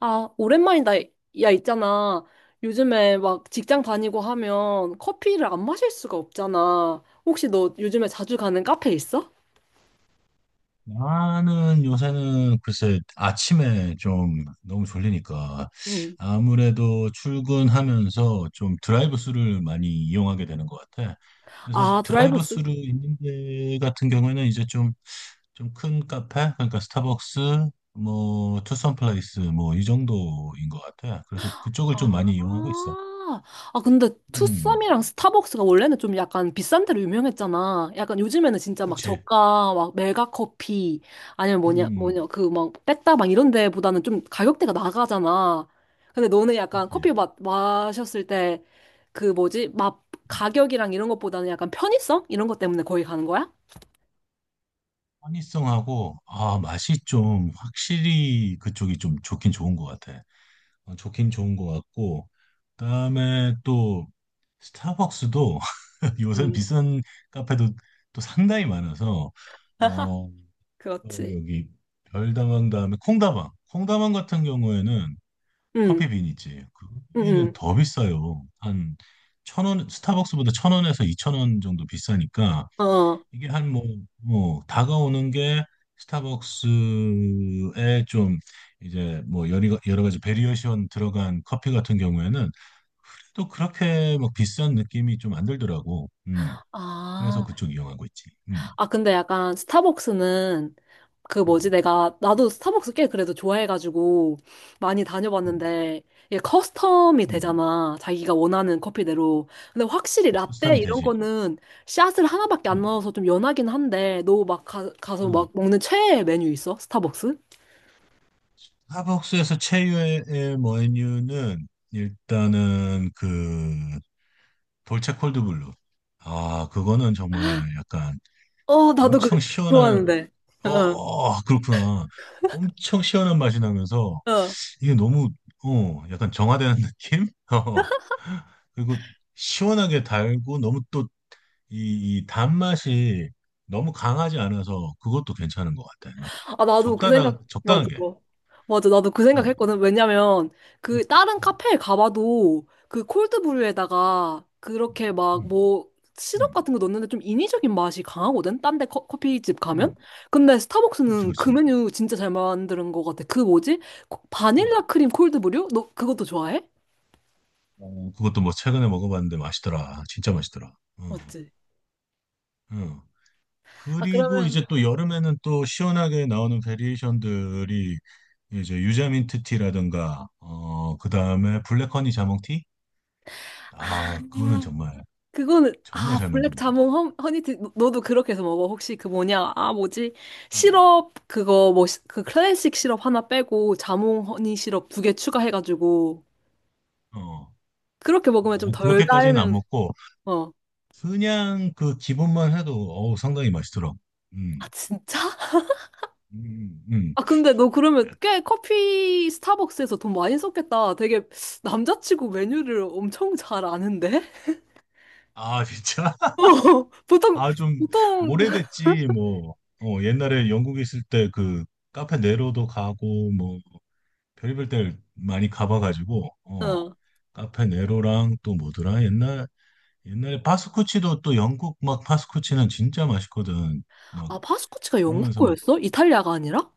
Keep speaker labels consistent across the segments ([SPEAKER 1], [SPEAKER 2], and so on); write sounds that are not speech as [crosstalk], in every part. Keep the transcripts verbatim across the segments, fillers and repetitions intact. [SPEAKER 1] 아, 오랜만이다. 야, 있잖아. 요즘에 막 직장 다니고 하면 커피를 안 마실 수가 없잖아. 혹시 너 요즘에 자주 가는 카페 있어?
[SPEAKER 2] 나는 요새는 글쎄 아침에 좀 너무 졸리니까
[SPEAKER 1] 응.
[SPEAKER 2] 아무래도 출근하면서 좀 드라이브스루를 많이 이용하게 되는 것 같아. 그래서
[SPEAKER 1] 아, 드라이브, 아,
[SPEAKER 2] 드라이브스루 있는 데 같은 경우에는 이제 좀 좀 큰 카페, 그러니까 스타벅스 뭐 투썸 플레이스 뭐 이 정도인 것 같아. 그래서 그쪽을 좀 많이 이용하고
[SPEAKER 1] 아,
[SPEAKER 2] 있어.
[SPEAKER 1] 아, 근데
[SPEAKER 2] 음,
[SPEAKER 1] 투썸이랑 스타벅스가 원래는 좀 약간 비싼 데로 유명했잖아. 약간 요즘에는 진짜 막
[SPEAKER 2] 그렇지.
[SPEAKER 1] 저가, 막 메가 커피, 아니면 뭐냐,
[SPEAKER 2] 음,
[SPEAKER 1] 뭐냐, 그 막 빽다방 이런 데보다는 좀 가격대가 나가잖아. 근데 너는 약간 커피
[SPEAKER 2] 그렇지.
[SPEAKER 1] 마, 마셨을 때 그 뭐지, 맛, 가격이랑 이런 것보다는 약간 편의성? 이런 것 때문에 거기 가는 거야?
[SPEAKER 2] 허니송하고 아 맛이 좀 확실히 그쪽이 좀 좋긴 좋은 것 같아. 어, 좋긴 좋은 것 같고 그다음에 또 스타벅스도 [laughs] 요새는
[SPEAKER 1] 음.
[SPEAKER 2] 비싼 카페도 또 상당히 많아서,
[SPEAKER 1] [laughs]
[SPEAKER 2] 어, 또
[SPEAKER 1] 그렇지.
[SPEAKER 2] 여기 별다방 다음에 콩다방 콩다방 같은 경우에는
[SPEAKER 1] 응,
[SPEAKER 2] 커피빈 있지. 거기는
[SPEAKER 1] 응,
[SPEAKER 2] 더 비싸요. 한 천 원, 스타벅스보다 천 원에서 이천 원 정도 비싸니까
[SPEAKER 1] 응. 어. 어.
[SPEAKER 2] 이게 한 뭐, 뭐, 다가오는 게 스타벅스에 좀 이제 뭐 여러, 여러 가지 베리에이션 들어간 커피 같은 경우에는 또 그렇게 막 비싼 느낌이 좀 안 들더라고. 음. 그래서
[SPEAKER 1] 아,
[SPEAKER 2] 그쪽 이용하고 있지. 음.
[SPEAKER 1] 아, 근데 약간 스타벅스는 그
[SPEAKER 2] 음.
[SPEAKER 1] 뭐지, 내가 나도 스타벅스 꽤 그래도 좋아해가지고 많이
[SPEAKER 2] 음.
[SPEAKER 1] 다녀봤는데 이게 커스텀이
[SPEAKER 2] 음.
[SPEAKER 1] 되잖아, 자기가 원하는 커피대로. 근데 확실히 라떼
[SPEAKER 2] 보쌈이
[SPEAKER 1] 이런
[SPEAKER 2] 되지.
[SPEAKER 1] 거는 샷을 하나밖에 안
[SPEAKER 2] 음.
[SPEAKER 1] 넣어서 좀 연하긴 한데, 너 막 가, 가서 막
[SPEAKER 2] 음.
[SPEAKER 1] 먹는 최애 메뉴 있어? 스타벅스?
[SPEAKER 2] 스타벅스에서 최유의 메뉴는 일단은 그 돌체 콜드블루. 아, 그거는 정말 약간
[SPEAKER 1] 어, 나도 그거
[SPEAKER 2] 엄청 시원한
[SPEAKER 1] 좋아하는데.
[SPEAKER 2] 어,
[SPEAKER 1] 어,
[SPEAKER 2] 어, 그렇구나. 엄청 시원한 맛이 나면서
[SPEAKER 1] 어.
[SPEAKER 2] 이게 너무, 어, 약간 정화되는 [laughs] 느낌? 어. 그리고 시원하게 달고 너무 또 이, 이 단맛이 너무 강하지 않아서 그것도 괜찮은 것 같아. 막
[SPEAKER 1] 아, 나도 그
[SPEAKER 2] 적당하,
[SPEAKER 1] 생각, 맞아.
[SPEAKER 2] 적당하게.
[SPEAKER 1] 맞아, 나도 그 생각
[SPEAKER 2] 응.
[SPEAKER 1] 했거든. 왜냐면
[SPEAKER 2] 응.
[SPEAKER 1] 그, 다른
[SPEAKER 2] 응.
[SPEAKER 1] 카페에 가봐도, 그 콜드브루에다가 그렇게
[SPEAKER 2] 응.
[SPEAKER 1] 막,
[SPEAKER 2] 응.
[SPEAKER 1] 뭐, 시럽
[SPEAKER 2] 응,
[SPEAKER 1] 같은 거 넣는데 좀 인위적인 맛이 강하거든? 딴데 커피집
[SPEAKER 2] 응.
[SPEAKER 1] 가면? 근데
[SPEAKER 2] 그렇지,
[SPEAKER 1] 스타벅스는 그
[SPEAKER 2] 그렇지.
[SPEAKER 1] 메뉴 진짜 잘 만드는 것 같아. 그 뭐지? 코-
[SPEAKER 2] 응.
[SPEAKER 1] 바닐라 크림 콜드브루? 너 그것도 좋아해?
[SPEAKER 2] 어, 그것도 뭐 최근에 먹어봤는데 맛있더라. 진짜 맛있더라. 응.
[SPEAKER 1] 맞지?
[SPEAKER 2] 응.
[SPEAKER 1] 아,
[SPEAKER 2] 그리고
[SPEAKER 1] 그러면,
[SPEAKER 2] 이제 또 여름에는 또 시원하게 나오는 베리에이션들이 이제 유자민트 티라든가 어 그다음에 블랙 허니 자몽 티?
[SPEAKER 1] 아,
[SPEAKER 2] 아, 그거는 정말
[SPEAKER 1] 그거는
[SPEAKER 2] 정말
[SPEAKER 1] 아,
[SPEAKER 2] 잘
[SPEAKER 1] 블랙
[SPEAKER 2] 만든 것 같아요.
[SPEAKER 1] 자몽 허, 허니티, 너- 너도 그렇게 해서 먹어? 혹시 그 뭐냐, 아 뭐지,
[SPEAKER 2] 응.
[SPEAKER 1] 시럽 그거 뭐 그 클래식 시럽 하나 빼고 자몽 허니 시럽 두 개 추가해가지고
[SPEAKER 2] 어.
[SPEAKER 1] 그렇게 먹으면 좀
[SPEAKER 2] 어,
[SPEAKER 1] 덜
[SPEAKER 2] 그렇게까지는 안
[SPEAKER 1] 달면.
[SPEAKER 2] 먹고
[SPEAKER 1] 어.
[SPEAKER 2] 그냥 그 기본만 해도 어우 상당히 맛있더라고.
[SPEAKER 1] 아,
[SPEAKER 2] 음.
[SPEAKER 1] 진짜?
[SPEAKER 2] 음. 음.
[SPEAKER 1] 아, 근데 너 그러면 꽤 커피 스타벅스에서 돈 많이 썼겠다, 되게. 남자치고 메뉴를 엄청 잘 아는데?
[SPEAKER 2] 아, 진짜?
[SPEAKER 1] [laughs]
[SPEAKER 2] [laughs]
[SPEAKER 1] 어, 보통
[SPEAKER 2] 아, 좀
[SPEAKER 1] 보통
[SPEAKER 2] 오래됐지 뭐. 어, 옛날에 영국에 있을 때 그 카페 네로도 가고 뭐 별의별 데를 많이 가봐가지고, 어,
[SPEAKER 1] 어아.
[SPEAKER 2] 카페 네로랑 또 뭐더라 옛날 옛날에 파스쿠치도 또 영국 막 파스쿠치는 진짜 맛있거든. 막
[SPEAKER 1] 파스쿠치가 영국
[SPEAKER 2] 그러면서 막
[SPEAKER 1] 거였어? 이탈리아가 아니라?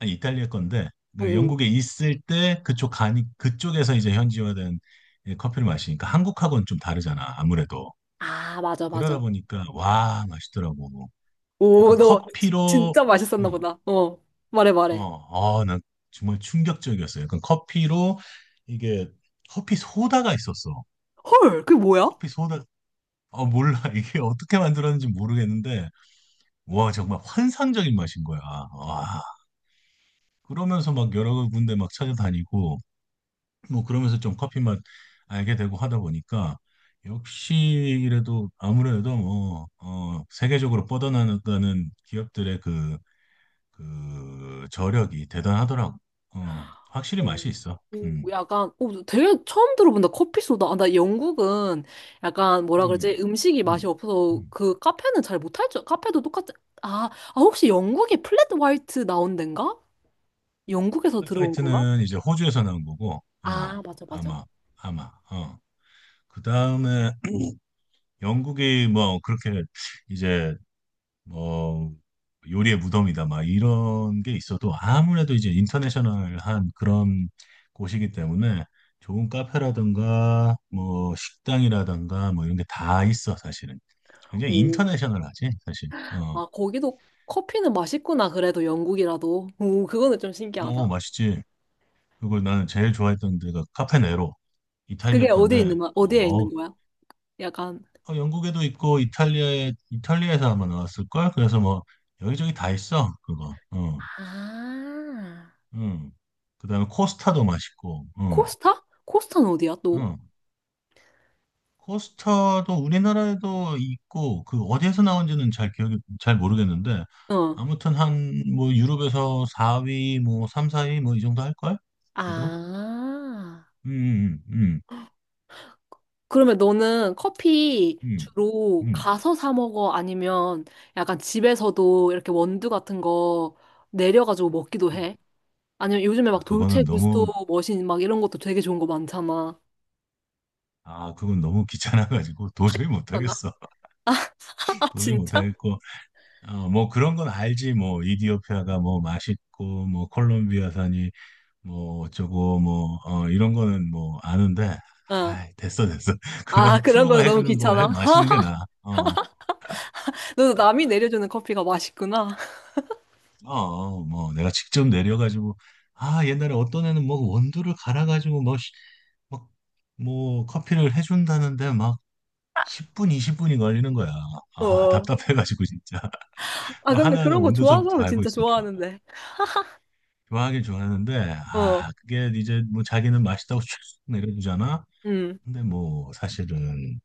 [SPEAKER 2] 아, 이탈리아 건데
[SPEAKER 1] 응.
[SPEAKER 2] 그
[SPEAKER 1] 응.
[SPEAKER 2] 영국에 있을 때 그쪽 가니 그쪽에서 이제 현지화된 이 커피를 마시니까 한국하고는 좀 다르잖아 아무래도.
[SPEAKER 1] 아, 맞아
[SPEAKER 2] 그러다
[SPEAKER 1] 맞아.
[SPEAKER 2] 보니까 와 맛있더라고.
[SPEAKER 1] 오,
[SPEAKER 2] 약간
[SPEAKER 1] 너
[SPEAKER 2] 커피로
[SPEAKER 1] 진짜 맛있었나 보다. 어, 말해, 말해.
[SPEAKER 2] 어어난 정말 충격적이었어요. 약간 커피로 이게 커피 소다가 있었어.
[SPEAKER 1] 헐, 그게 뭐야?
[SPEAKER 2] 커피 소다. 어, 몰라. [laughs] 이게 어떻게 만들었는지 모르겠는데, 와, 정말 환상적인 맛인 거야. 와. 그러면서 막 여러 군데 막 찾아다니고, 뭐 그러면서 좀 커피 맛 알게 되고 하다 보니까, 역시 이래도 아무래도 뭐, 어, 세계적으로 뻗어나갔다는 기업들의 그, 그 저력이 대단하더라고. 어, 확실히
[SPEAKER 1] 어.
[SPEAKER 2] 맛이 있어. 음,
[SPEAKER 1] 오, 약간, 오, 되게 처음 들어본다. 커피 소다. 아, 나 영국은 약간 뭐라 그러지?
[SPEAKER 2] 음,
[SPEAKER 1] 음식이 맛이
[SPEAKER 2] 음,
[SPEAKER 1] 없어서
[SPEAKER 2] 음.
[SPEAKER 1] 그 카페는 잘 못할 줄. 카페도 똑같지. 아, 아, 혹시 영국에 플랫 화이트 나온 덴가? 영국에서 들어온 건가?
[SPEAKER 2] 파이트는 이제 호주에서 나온 거고, 어,
[SPEAKER 1] 아, 맞아, 맞아.
[SPEAKER 2] 아마, 아마, 어. 그 다음에 [clears throat] 영국이 뭐 그렇게 이제 뭐 요리의 무덤이다 막 이런 게 있어도 아무래도 이제 인터내셔널한 그런 곳이기 때문에 좋은 카페라든가 뭐 식당이라든가 뭐 이런 게 다 있어 사실은. 굉장히
[SPEAKER 1] 오,
[SPEAKER 2] 인터내셔널하지 사실. 어,
[SPEAKER 1] 아, 거기도 커피는 맛있구나. 그래도 영국이라도. 오, 그거는 좀 신기하다.
[SPEAKER 2] 뭐 맛있지. 그리고 나는 제일 좋아했던 데가 카페네로,
[SPEAKER 1] 그게
[SPEAKER 2] 이탈리아
[SPEAKER 1] 어디에
[SPEAKER 2] 건데,
[SPEAKER 1] 있는, 거- 어디에
[SPEAKER 2] 어,
[SPEAKER 1] 있는 거야? 약간.
[SPEAKER 2] 어, 영국에도 있고 이탈리아에 이탈리아에서 아마 나왔을 걸. 그래서 뭐 여기저기 다 있어 그거. 응,
[SPEAKER 1] 아.
[SPEAKER 2] 응. 그다음에 코스타도 맛있고. 응,
[SPEAKER 1] 코스타? 코스타는 어디야, 또?
[SPEAKER 2] 응. 코스타도 우리나라에도 있고 그 어디에서 나온지는 잘 기억이 잘 모르겠는데
[SPEAKER 1] 어.
[SPEAKER 2] 아무튼 한 뭐 유럽에서 사 위 뭐 삼, 사 위 뭐 이 정도 할 걸? 그래도.
[SPEAKER 1] 아.
[SPEAKER 2] 음, 음,
[SPEAKER 1] 그러면 너는 커피
[SPEAKER 2] 음, 음,
[SPEAKER 1] 주로
[SPEAKER 2] 음.
[SPEAKER 1] 가서 사 먹어? 아니면 약간 집에서도 이렇게 원두 같은 거 내려가지고 먹기도
[SPEAKER 2] 음.
[SPEAKER 1] 해? 아니면 요즘에 막
[SPEAKER 2] 아
[SPEAKER 1] 돌체
[SPEAKER 2] 그거는
[SPEAKER 1] 구스토
[SPEAKER 2] 너무
[SPEAKER 1] 머신 막 이런 것도 되게 좋은 거 많잖아.
[SPEAKER 2] 아 그건 너무 [laughs] 귀찮아가지고 도저히
[SPEAKER 1] 하나?
[SPEAKER 2] 못하겠어.
[SPEAKER 1] [laughs] 아,
[SPEAKER 2] [laughs] 도저히
[SPEAKER 1] 진짜?
[SPEAKER 2] 못하겠고. 어, 뭐 그런 건 알지. 뭐 이디오피아가 뭐 맛있고 뭐 콜롬비아산이 뭐 어쩌고 뭐, 어, 이런 거는 뭐 아는데
[SPEAKER 1] 어.
[SPEAKER 2] 아이, 됐어 됐어. [laughs]
[SPEAKER 1] 아,
[SPEAKER 2] 그만
[SPEAKER 1] 그런
[SPEAKER 2] 프로가
[SPEAKER 1] 거는 너무
[SPEAKER 2] 해주는 걸
[SPEAKER 1] 귀찮아.
[SPEAKER 2] 해 마시는 게
[SPEAKER 1] [laughs]
[SPEAKER 2] 나아. 어,
[SPEAKER 1] 너도 남이 내려주는 커피가 맛있구나. [laughs]
[SPEAKER 2] 어, 뭐 내가 직접 내려가지고 아 옛날에 어떤 애는 뭐 원두를 갈아가지고 뭐 시- 막, 뭐 커피를 해준다는데 막 십 분, 이십 분이 걸리는 거야. 아,
[SPEAKER 1] 어.
[SPEAKER 2] 답답해가지고 진짜. [laughs]
[SPEAKER 1] 아,
[SPEAKER 2] 뭐
[SPEAKER 1] 근데
[SPEAKER 2] 하나하나
[SPEAKER 1] 그런 거 좋아하는
[SPEAKER 2] 원두서부터
[SPEAKER 1] 사람은
[SPEAKER 2] 갈고
[SPEAKER 1] 진짜
[SPEAKER 2] 있으니까
[SPEAKER 1] 좋아하는데.
[SPEAKER 2] 좋아하긴 좋아하는데,
[SPEAKER 1] 어.
[SPEAKER 2] 아, 그게 이제 뭐 자기는 맛있다고 [laughs] 쭉 내려주잖아.
[SPEAKER 1] 음.
[SPEAKER 2] 근데 뭐 사실은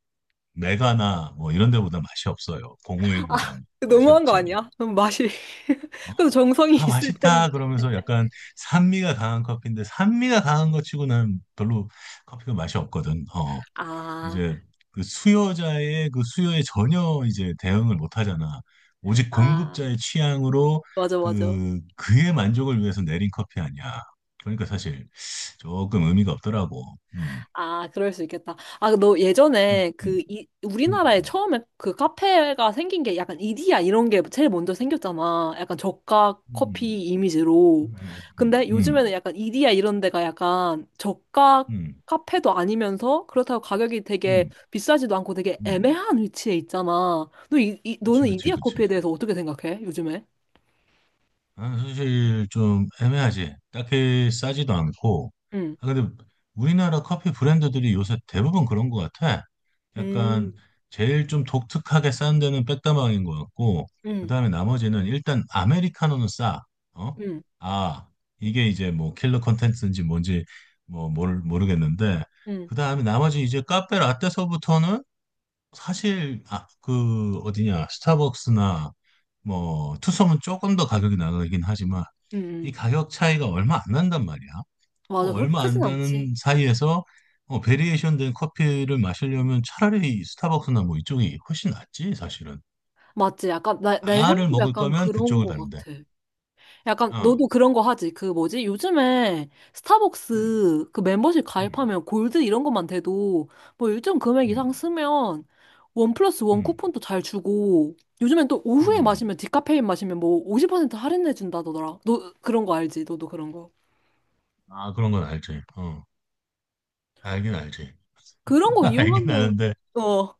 [SPEAKER 2] 메가나 뭐 이런 데보다 맛이 없어요. 공오일보다
[SPEAKER 1] 아,
[SPEAKER 2] 맛이
[SPEAKER 1] 너무한 거
[SPEAKER 2] 없지.
[SPEAKER 1] 아니야? 너무 맛이. [laughs]
[SPEAKER 2] 어?
[SPEAKER 1] 그래도 정성이
[SPEAKER 2] 아
[SPEAKER 1] 있을 텐데.
[SPEAKER 2] 맛있다 그러면서 약간 산미가 강한 커피인데 산미가 강한 것 치고 난 별로 커피가 맛이 없거든. 어.
[SPEAKER 1] 아,
[SPEAKER 2] 이제 그 수요자의 그 수요에 전혀 이제 대응을 못 하잖아. 오직
[SPEAKER 1] 아,
[SPEAKER 2] 공급자의 취향으로
[SPEAKER 1] 맞아, 맞아.
[SPEAKER 2] 그 그의 만족을 위해서 내린 커피 아니야. 그러니까 사실 조금 의미가 없더라고. 음.
[SPEAKER 1] 아, 그럴 수 있겠다. 아, 너
[SPEAKER 2] 음.
[SPEAKER 1] 예전에 그, 이,
[SPEAKER 2] 음.
[SPEAKER 1] 우리나라에 처음에 그 카페가 생긴 게 약간 이디야 이런 게 제일 먼저 생겼잖아. 약간 저가
[SPEAKER 2] 음.
[SPEAKER 1] 커피 이미지로.
[SPEAKER 2] 음. 음. 음. 음.
[SPEAKER 1] 근데
[SPEAKER 2] 음.
[SPEAKER 1] 요즘에는 약간 이디야 이런 데가 약간 저가
[SPEAKER 2] 음.
[SPEAKER 1] 카페도 아니면서 그렇다고 가격이 되게
[SPEAKER 2] 음.
[SPEAKER 1] 비싸지도 않고 되게
[SPEAKER 2] 음.
[SPEAKER 1] 애매한 위치에 있잖아. 너 이, 이-
[SPEAKER 2] 그치,
[SPEAKER 1] 너는
[SPEAKER 2] 그치,
[SPEAKER 1] 이디야
[SPEAKER 2] 그치.
[SPEAKER 1] 커피에 대해서 어떻게 생각해? 요즘에?
[SPEAKER 2] 아, 사실 좀 애매하지. 딱히 싸지도 않고.
[SPEAKER 1] 응,
[SPEAKER 2] 아, 근데 우리나라 커피 브랜드들이 요새 대부분 그런 것 같아.
[SPEAKER 1] 음,
[SPEAKER 2] 약간 제일 좀 독특하게 싼 데는 백다방인 것 같고, 그
[SPEAKER 1] 응,
[SPEAKER 2] 다음에 나머지는 일단 아메리카노는 싸. 어?
[SPEAKER 1] 응,
[SPEAKER 2] 아, 이게 이제 뭐 킬러 컨텐츠인지 뭔지 뭐 모르, 모르겠는데,
[SPEAKER 1] 응,
[SPEAKER 2] 그 다음에 나머지 이제 카페 라떼서부터는 사실 아, 그 어디냐 스타벅스나 뭐 투썸은 조금 더 가격이 나가긴 하지만
[SPEAKER 1] 응,
[SPEAKER 2] 이
[SPEAKER 1] 응.
[SPEAKER 2] 가격 차이가 얼마 안 난단 말이야. 그
[SPEAKER 1] 맞아, 그렇게
[SPEAKER 2] 얼마 안
[SPEAKER 1] 크진 않지.
[SPEAKER 2] 나는 사이에서, 어, 베리에이션 된 커피를 마시려면 차라리 스타벅스나 뭐 이쪽이 훨씬 낫지 사실은.
[SPEAKER 1] 맞지? 약간, 나, 내
[SPEAKER 2] 아를
[SPEAKER 1] 생각도
[SPEAKER 2] 먹을
[SPEAKER 1] 약간
[SPEAKER 2] 거면
[SPEAKER 1] 그런
[SPEAKER 2] 그쪽을
[SPEAKER 1] 거
[SPEAKER 2] 가는데.
[SPEAKER 1] 같아. 약간,
[SPEAKER 2] 어.
[SPEAKER 1] 너도 그런 거 하지? 그 뭐지? 요즘에
[SPEAKER 2] 음,
[SPEAKER 1] 스타벅스 그 멤버십
[SPEAKER 2] 음,
[SPEAKER 1] 가입하면 골드 이런 것만 돼도, 뭐 일정 금액
[SPEAKER 2] 음,
[SPEAKER 1] 이상 쓰면 원 플러스 원
[SPEAKER 2] 음,
[SPEAKER 1] 쿠폰도 잘 주고, 요즘엔 또
[SPEAKER 2] 음. 음.
[SPEAKER 1] 오후에
[SPEAKER 2] 음.
[SPEAKER 1] 마시면 디카페인 마시면 뭐 오십 퍼센트 할인해준다더라. 너 그런 거 알지? 너도 그런 거.
[SPEAKER 2] 아 그런 건 알지. 어. 알긴 알지.
[SPEAKER 1] 그런
[SPEAKER 2] [laughs]
[SPEAKER 1] 거
[SPEAKER 2] 알긴
[SPEAKER 1] 이용하면,
[SPEAKER 2] 아는데
[SPEAKER 1] 어,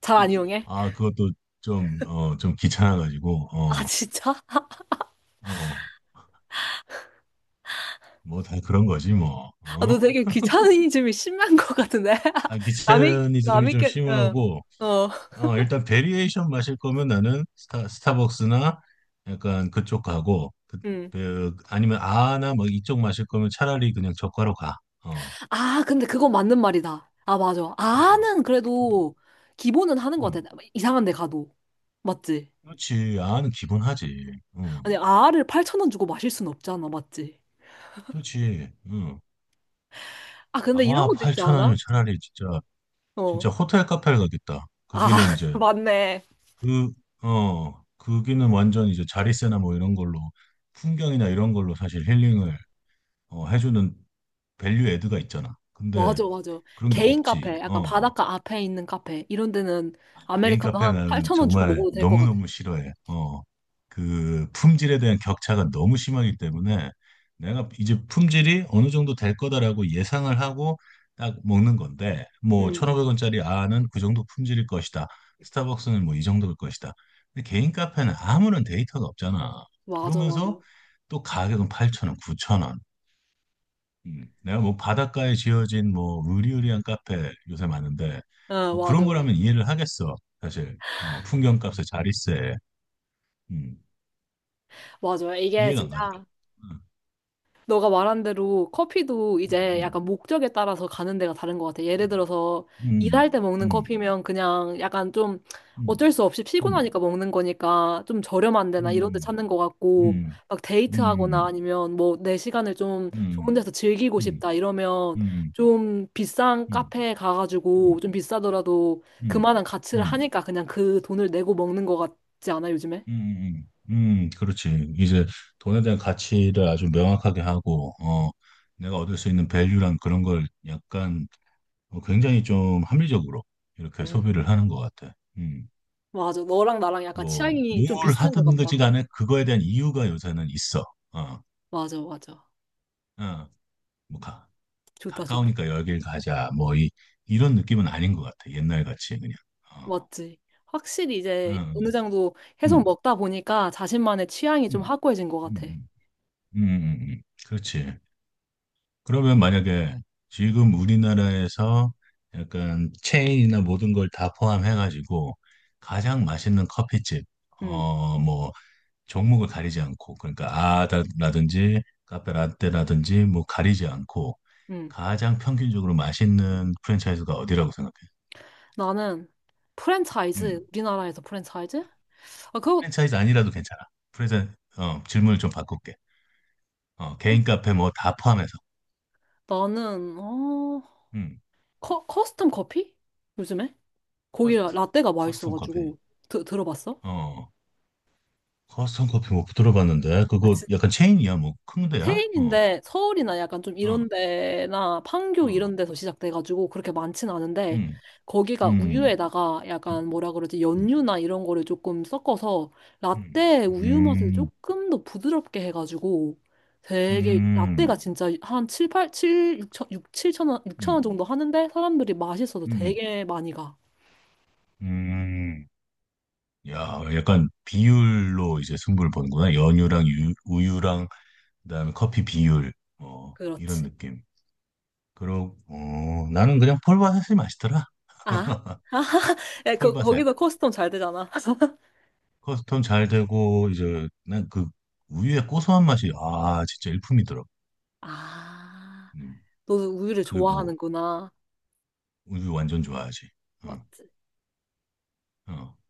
[SPEAKER 1] 잘 안
[SPEAKER 2] 음.
[SPEAKER 1] 이용해?
[SPEAKER 2] 아, 그것도 좀, 어, 좀 귀찮아가지고,
[SPEAKER 1] 아,
[SPEAKER 2] 어,
[SPEAKER 1] 진짜?
[SPEAKER 2] 어, 뭐 다 그런 거지, 뭐,
[SPEAKER 1] 아,
[SPEAKER 2] 어?
[SPEAKER 1] 너 되게 귀차니즘이 심한 것 같은데. [laughs]
[SPEAKER 2] 아,
[SPEAKER 1] 남이,
[SPEAKER 2] 귀차니즘이
[SPEAKER 1] 남이
[SPEAKER 2] 좀
[SPEAKER 1] 게, 어...
[SPEAKER 2] 심하고,
[SPEAKER 1] 어,
[SPEAKER 2] 어, 일단 베리에이션 마실 거면 나는 스타, 스타벅스나 약간 그쪽 가고, 그,
[SPEAKER 1] 음.
[SPEAKER 2] 그, 아니면 아나 뭐 이쪽 마실 거면 차라리 그냥 저가로 가, 어,
[SPEAKER 1] 아, 근데 그건 맞는 말이다. 아, 맞아.
[SPEAKER 2] 어,
[SPEAKER 1] 아는
[SPEAKER 2] 음,
[SPEAKER 1] 그래도 기본은 하는 것 같아.
[SPEAKER 2] 음.
[SPEAKER 1] 이상한 데 가도. 맞지?
[SPEAKER 2] 그렇지, 아는 기본하지, 응,
[SPEAKER 1] 아니, 아를 팔천 원 주고 마실 순 없잖아. 맞지?
[SPEAKER 2] 그렇지, 응.
[SPEAKER 1] 아, 근데 이런
[SPEAKER 2] 아,
[SPEAKER 1] 것도 있지
[SPEAKER 2] 팔천
[SPEAKER 1] 않아?
[SPEAKER 2] 원이면 차라리 진짜,
[SPEAKER 1] 어.
[SPEAKER 2] 진짜 호텔 카페를 가겠다. 거기는
[SPEAKER 1] 아,
[SPEAKER 2] 이제
[SPEAKER 1] [laughs] 맞네.
[SPEAKER 2] 그, 어, 거기는 완전 이제 자리세나 뭐 이런 걸로 풍경이나 이런 걸로 사실 힐링을, 어, 해주는 밸류 애드가 있잖아. 근데
[SPEAKER 1] 맞아, 맞아.
[SPEAKER 2] 그런 게
[SPEAKER 1] 개인
[SPEAKER 2] 없지.
[SPEAKER 1] 카페, 약간
[SPEAKER 2] 어,
[SPEAKER 1] 바닷가 앞에 있는 카페, 이런 데는
[SPEAKER 2] 개인
[SPEAKER 1] 아메리카노
[SPEAKER 2] 카페
[SPEAKER 1] 한
[SPEAKER 2] 는
[SPEAKER 1] 팔천 원 주고
[SPEAKER 2] 정말
[SPEAKER 1] 먹어도 될 것 같아.
[SPEAKER 2] 너무너무 싫어해. 어, 그 품질에 대한 격차가 너무 심하기 때문에 내가 이제 품질이 어느 정도 될 거다라고 예상을 하고 딱 먹는 건데 뭐
[SPEAKER 1] 응,
[SPEAKER 2] 천오백 원짜리 아는 그 정도 품질일 것이다. 스타벅스는 뭐 이 정도일 것이다. 근데 개인 카페는 아무런 데이터가 없잖아.
[SPEAKER 1] 맞아,
[SPEAKER 2] 그러면서
[SPEAKER 1] 맞아.
[SPEAKER 2] 또 가격은 팔천 원, 구천 원. 음, 내가 뭐 바닷가에 지어진 뭐 으리으리한 카페 요새 많은데
[SPEAKER 1] 응,
[SPEAKER 2] 뭐
[SPEAKER 1] 맞아,
[SPEAKER 2] 그런
[SPEAKER 1] 맞아.
[SPEAKER 2] 거라면 이해를 하겠어. 사실, 어, 풍경값에 자릿세. 음,
[SPEAKER 1] 맞아요. 이게
[SPEAKER 2] 이해가 안 가더라고.
[SPEAKER 1] 진짜 너가 말한 대로 커피도 이제
[SPEAKER 2] 음,
[SPEAKER 1] 약간 목적에 따라서 가는 데가 다른 것 같아. 예를
[SPEAKER 2] 음,
[SPEAKER 1] 들어서
[SPEAKER 2] 음,
[SPEAKER 1] 일할 때 먹는
[SPEAKER 2] 음,
[SPEAKER 1] 커피면 그냥 약간 좀
[SPEAKER 2] 음,
[SPEAKER 1] 어쩔 수 없이
[SPEAKER 2] 음,
[SPEAKER 1] 피곤하니까 먹는 거니까 좀 저렴한 데나 이런 데
[SPEAKER 2] 음,
[SPEAKER 1] 찾는 것 같고,
[SPEAKER 2] 음,
[SPEAKER 1] 막
[SPEAKER 2] 음,
[SPEAKER 1] 데이트하거나
[SPEAKER 2] 음,
[SPEAKER 1] 아니면 뭐 내 시간을 좀 좋은
[SPEAKER 2] 음,
[SPEAKER 1] 데서 즐기고
[SPEAKER 2] 음,
[SPEAKER 1] 싶다
[SPEAKER 2] 음,
[SPEAKER 1] 이러면
[SPEAKER 2] 음,
[SPEAKER 1] 좀 비싼 카페에 가가지고 좀 비싸더라도
[SPEAKER 2] 음,
[SPEAKER 1] 그만한 가치를 하니까 그냥 그 돈을 내고 먹는 것 같지 않아, 요즘에?
[SPEAKER 2] 음, 음, 음, 그렇지. 이제 돈에 대한 가치를 아주 명확하게 하고, 어, 내가 얻을 수 있는 밸류란 그런 걸 약간, 어, 굉장히 좀 합리적으로 이렇게 소비를
[SPEAKER 1] 음.
[SPEAKER 2] 하는 것 같아. 음,
[SPEAKER 1] 맞아. 너랑 나랑 약간
[SPEAKER 2] 뭐,
[SPEAKER 1] 취향이
[SPEAKER 2] 뭘
[SPEAKER 1] 좀 비슷한 것
[SPEAKER 2] 하든지
[SPEAKER 1] 같다.
[SPEAKER 2] 간에 그거에 대한 이유가 요새는 있어. 어,
[SPEAKER 1] 맞아, 맞아.
[SPEAKER 2] 어, 뭐, 가,
[SPEAKER 1] 좋다, 좋다.
[SPEAKER 2] 가까우니까 여길 가자. 뭐, 이, 이런 느낌은 아닌 것 같아. 옛날 같이 그냥. 어,
[SPEAKER 1] 맞지. 확실히
[SPEAKER 2] 어,
[SPEAKER 1] 이제 어느
[SPEAKER 2] 음,
[SPEAKER 1] 정도 계속
[SPEAKER 2] 음,
[SPEAKER 1] 먹다 보니까 자신만의 취향이 좀
[SPEAKER 2] 음,
[SPEAKER 1] 확고해진 것 같아.
[SPEAKER 2] 음, 음, 음, 음. 음. 그렇지. 그러면 만약에 지금 우리나라에서 약간 체인이나 모든 걸 다 포함해가지고 가장 맛있는 커피집,
[SPEAKER 1] 응,
[SPEAKER 2] 어, 뭐, 종목을 가리지 않고, 그러니까 아다라든지 카페 라떼라든지 뭐 가리지 않고
[SPEAKER 1] 응.
[SPEAKER 2] 가장 평균적으로 맛있는 프랜차이즈가 어디라고 생각해?
[SPEAKER 1] 나는 프랜차이즈,
[SPEAKER 2] 음.
[SPEAKER 1] 우리나라에서 프랜차이즈? 아, 그거.
[SPEAKER 2] 프랜차이즈 아니라도 괜찮아. 프랜차이즈, 어, 질문을 좀 바꿀게. 어, 개인 카페 뭐 다 포함해서.
[SPEAKER 1] 나는 어
[SPEAKER 2] 음.
[SPEAKER 1] 커, 커스텀 커피? 요즘에? 거기
[SPEAKER 2] 커스,
[SPEAKER 1] 라떼가
[SPEAKER 2] 커스텀 커피.
[SPEAKER 1] 맛있어가지고. 드, 들어봤어?
[SPEAKER 2] 어. 커스텀 커피 못 들어봤는데
[SPEAKER 1] 아,
[SPEAKER 2] 그거 약간 체인이야 뭐 큰 데야? 어.
[SPEAKER 1] 테일인데 서울이나 약간 좀
[SPEAKER 2] 어.
[SPEAKER 1] 이런 데나 판교
[SPEAKER 2] 어.
[SPEAKER 1] 이런 데서 시작돼가지고 그렇게 많진 않은데,
[SPEAKER 2] 음.
[SPEAKER 1] 거기가
[SPEAKER 2] 음.
[SPEAKER 1] 우유에다가
[SPEAKER 2] 음.
[SPEAKER 1] 약간 뭐라 그러지,
[SPEAKER 2] 음.
[SPEAKER 1] 연유나 이런 거를 조금 섞어서
[SPEAKER 2] 음.
[SPEAKER 1] 라떼 우유 맛을
[SPEAKER 2] 음.
[SPEAKER 1] 조금 더 부드럽게 해가지고 되게
[SPEAKER 2] 음.
[SPEAKER 1] 라떼가 진짜 한 칠, 팔, 칠, 육천, 육, 천 원, 육천 원
[SPEAKER 2] 음.
[SPEAKER 1] 정도 하는데 사람들이 맛있어서
[SPEAKER 2] 음.
[SPEAKER 1] 되게 많이 가.
[SPEAKER 2] 음, 야, 약간 비율로 이제 승부를 보는구나. 연유랑 유, 우유랑 그다음에 커피 비율, 어, 이런
[SPEAKER 1] 그렇지.
[SPEAKER 2] 느낌. 그러, 어, 나는 그냥 폴바셋이 맛있더라.
[SPEAKER 1] 아?
[SPEAKER 2] [laughs]
[SPEAKER 1] [laughs] 아, 그,
[SPEAKER 2] 폴바셋.
[SPEAKER 1] 거기서 커스텀 잘 되잖아. [laughs]
[SPEAKER 2] 커스텀 잘 되고 이제 난 그 우유의 고소한 맛이 아 진짜 일품이더라.
[SPEAKER 1] 아,
[SPEAKER 2] 음,
[SPEAKER 1] 너도 우유를
[SPEAKER 2] 그게 뭐
[SPEAKER 1] 좋아하는구나.
[SPEAKER 2] 우유 완전 좋아하지. 응,
[SPEAKER 1] 맞지?
[SPEAKER 2] 어,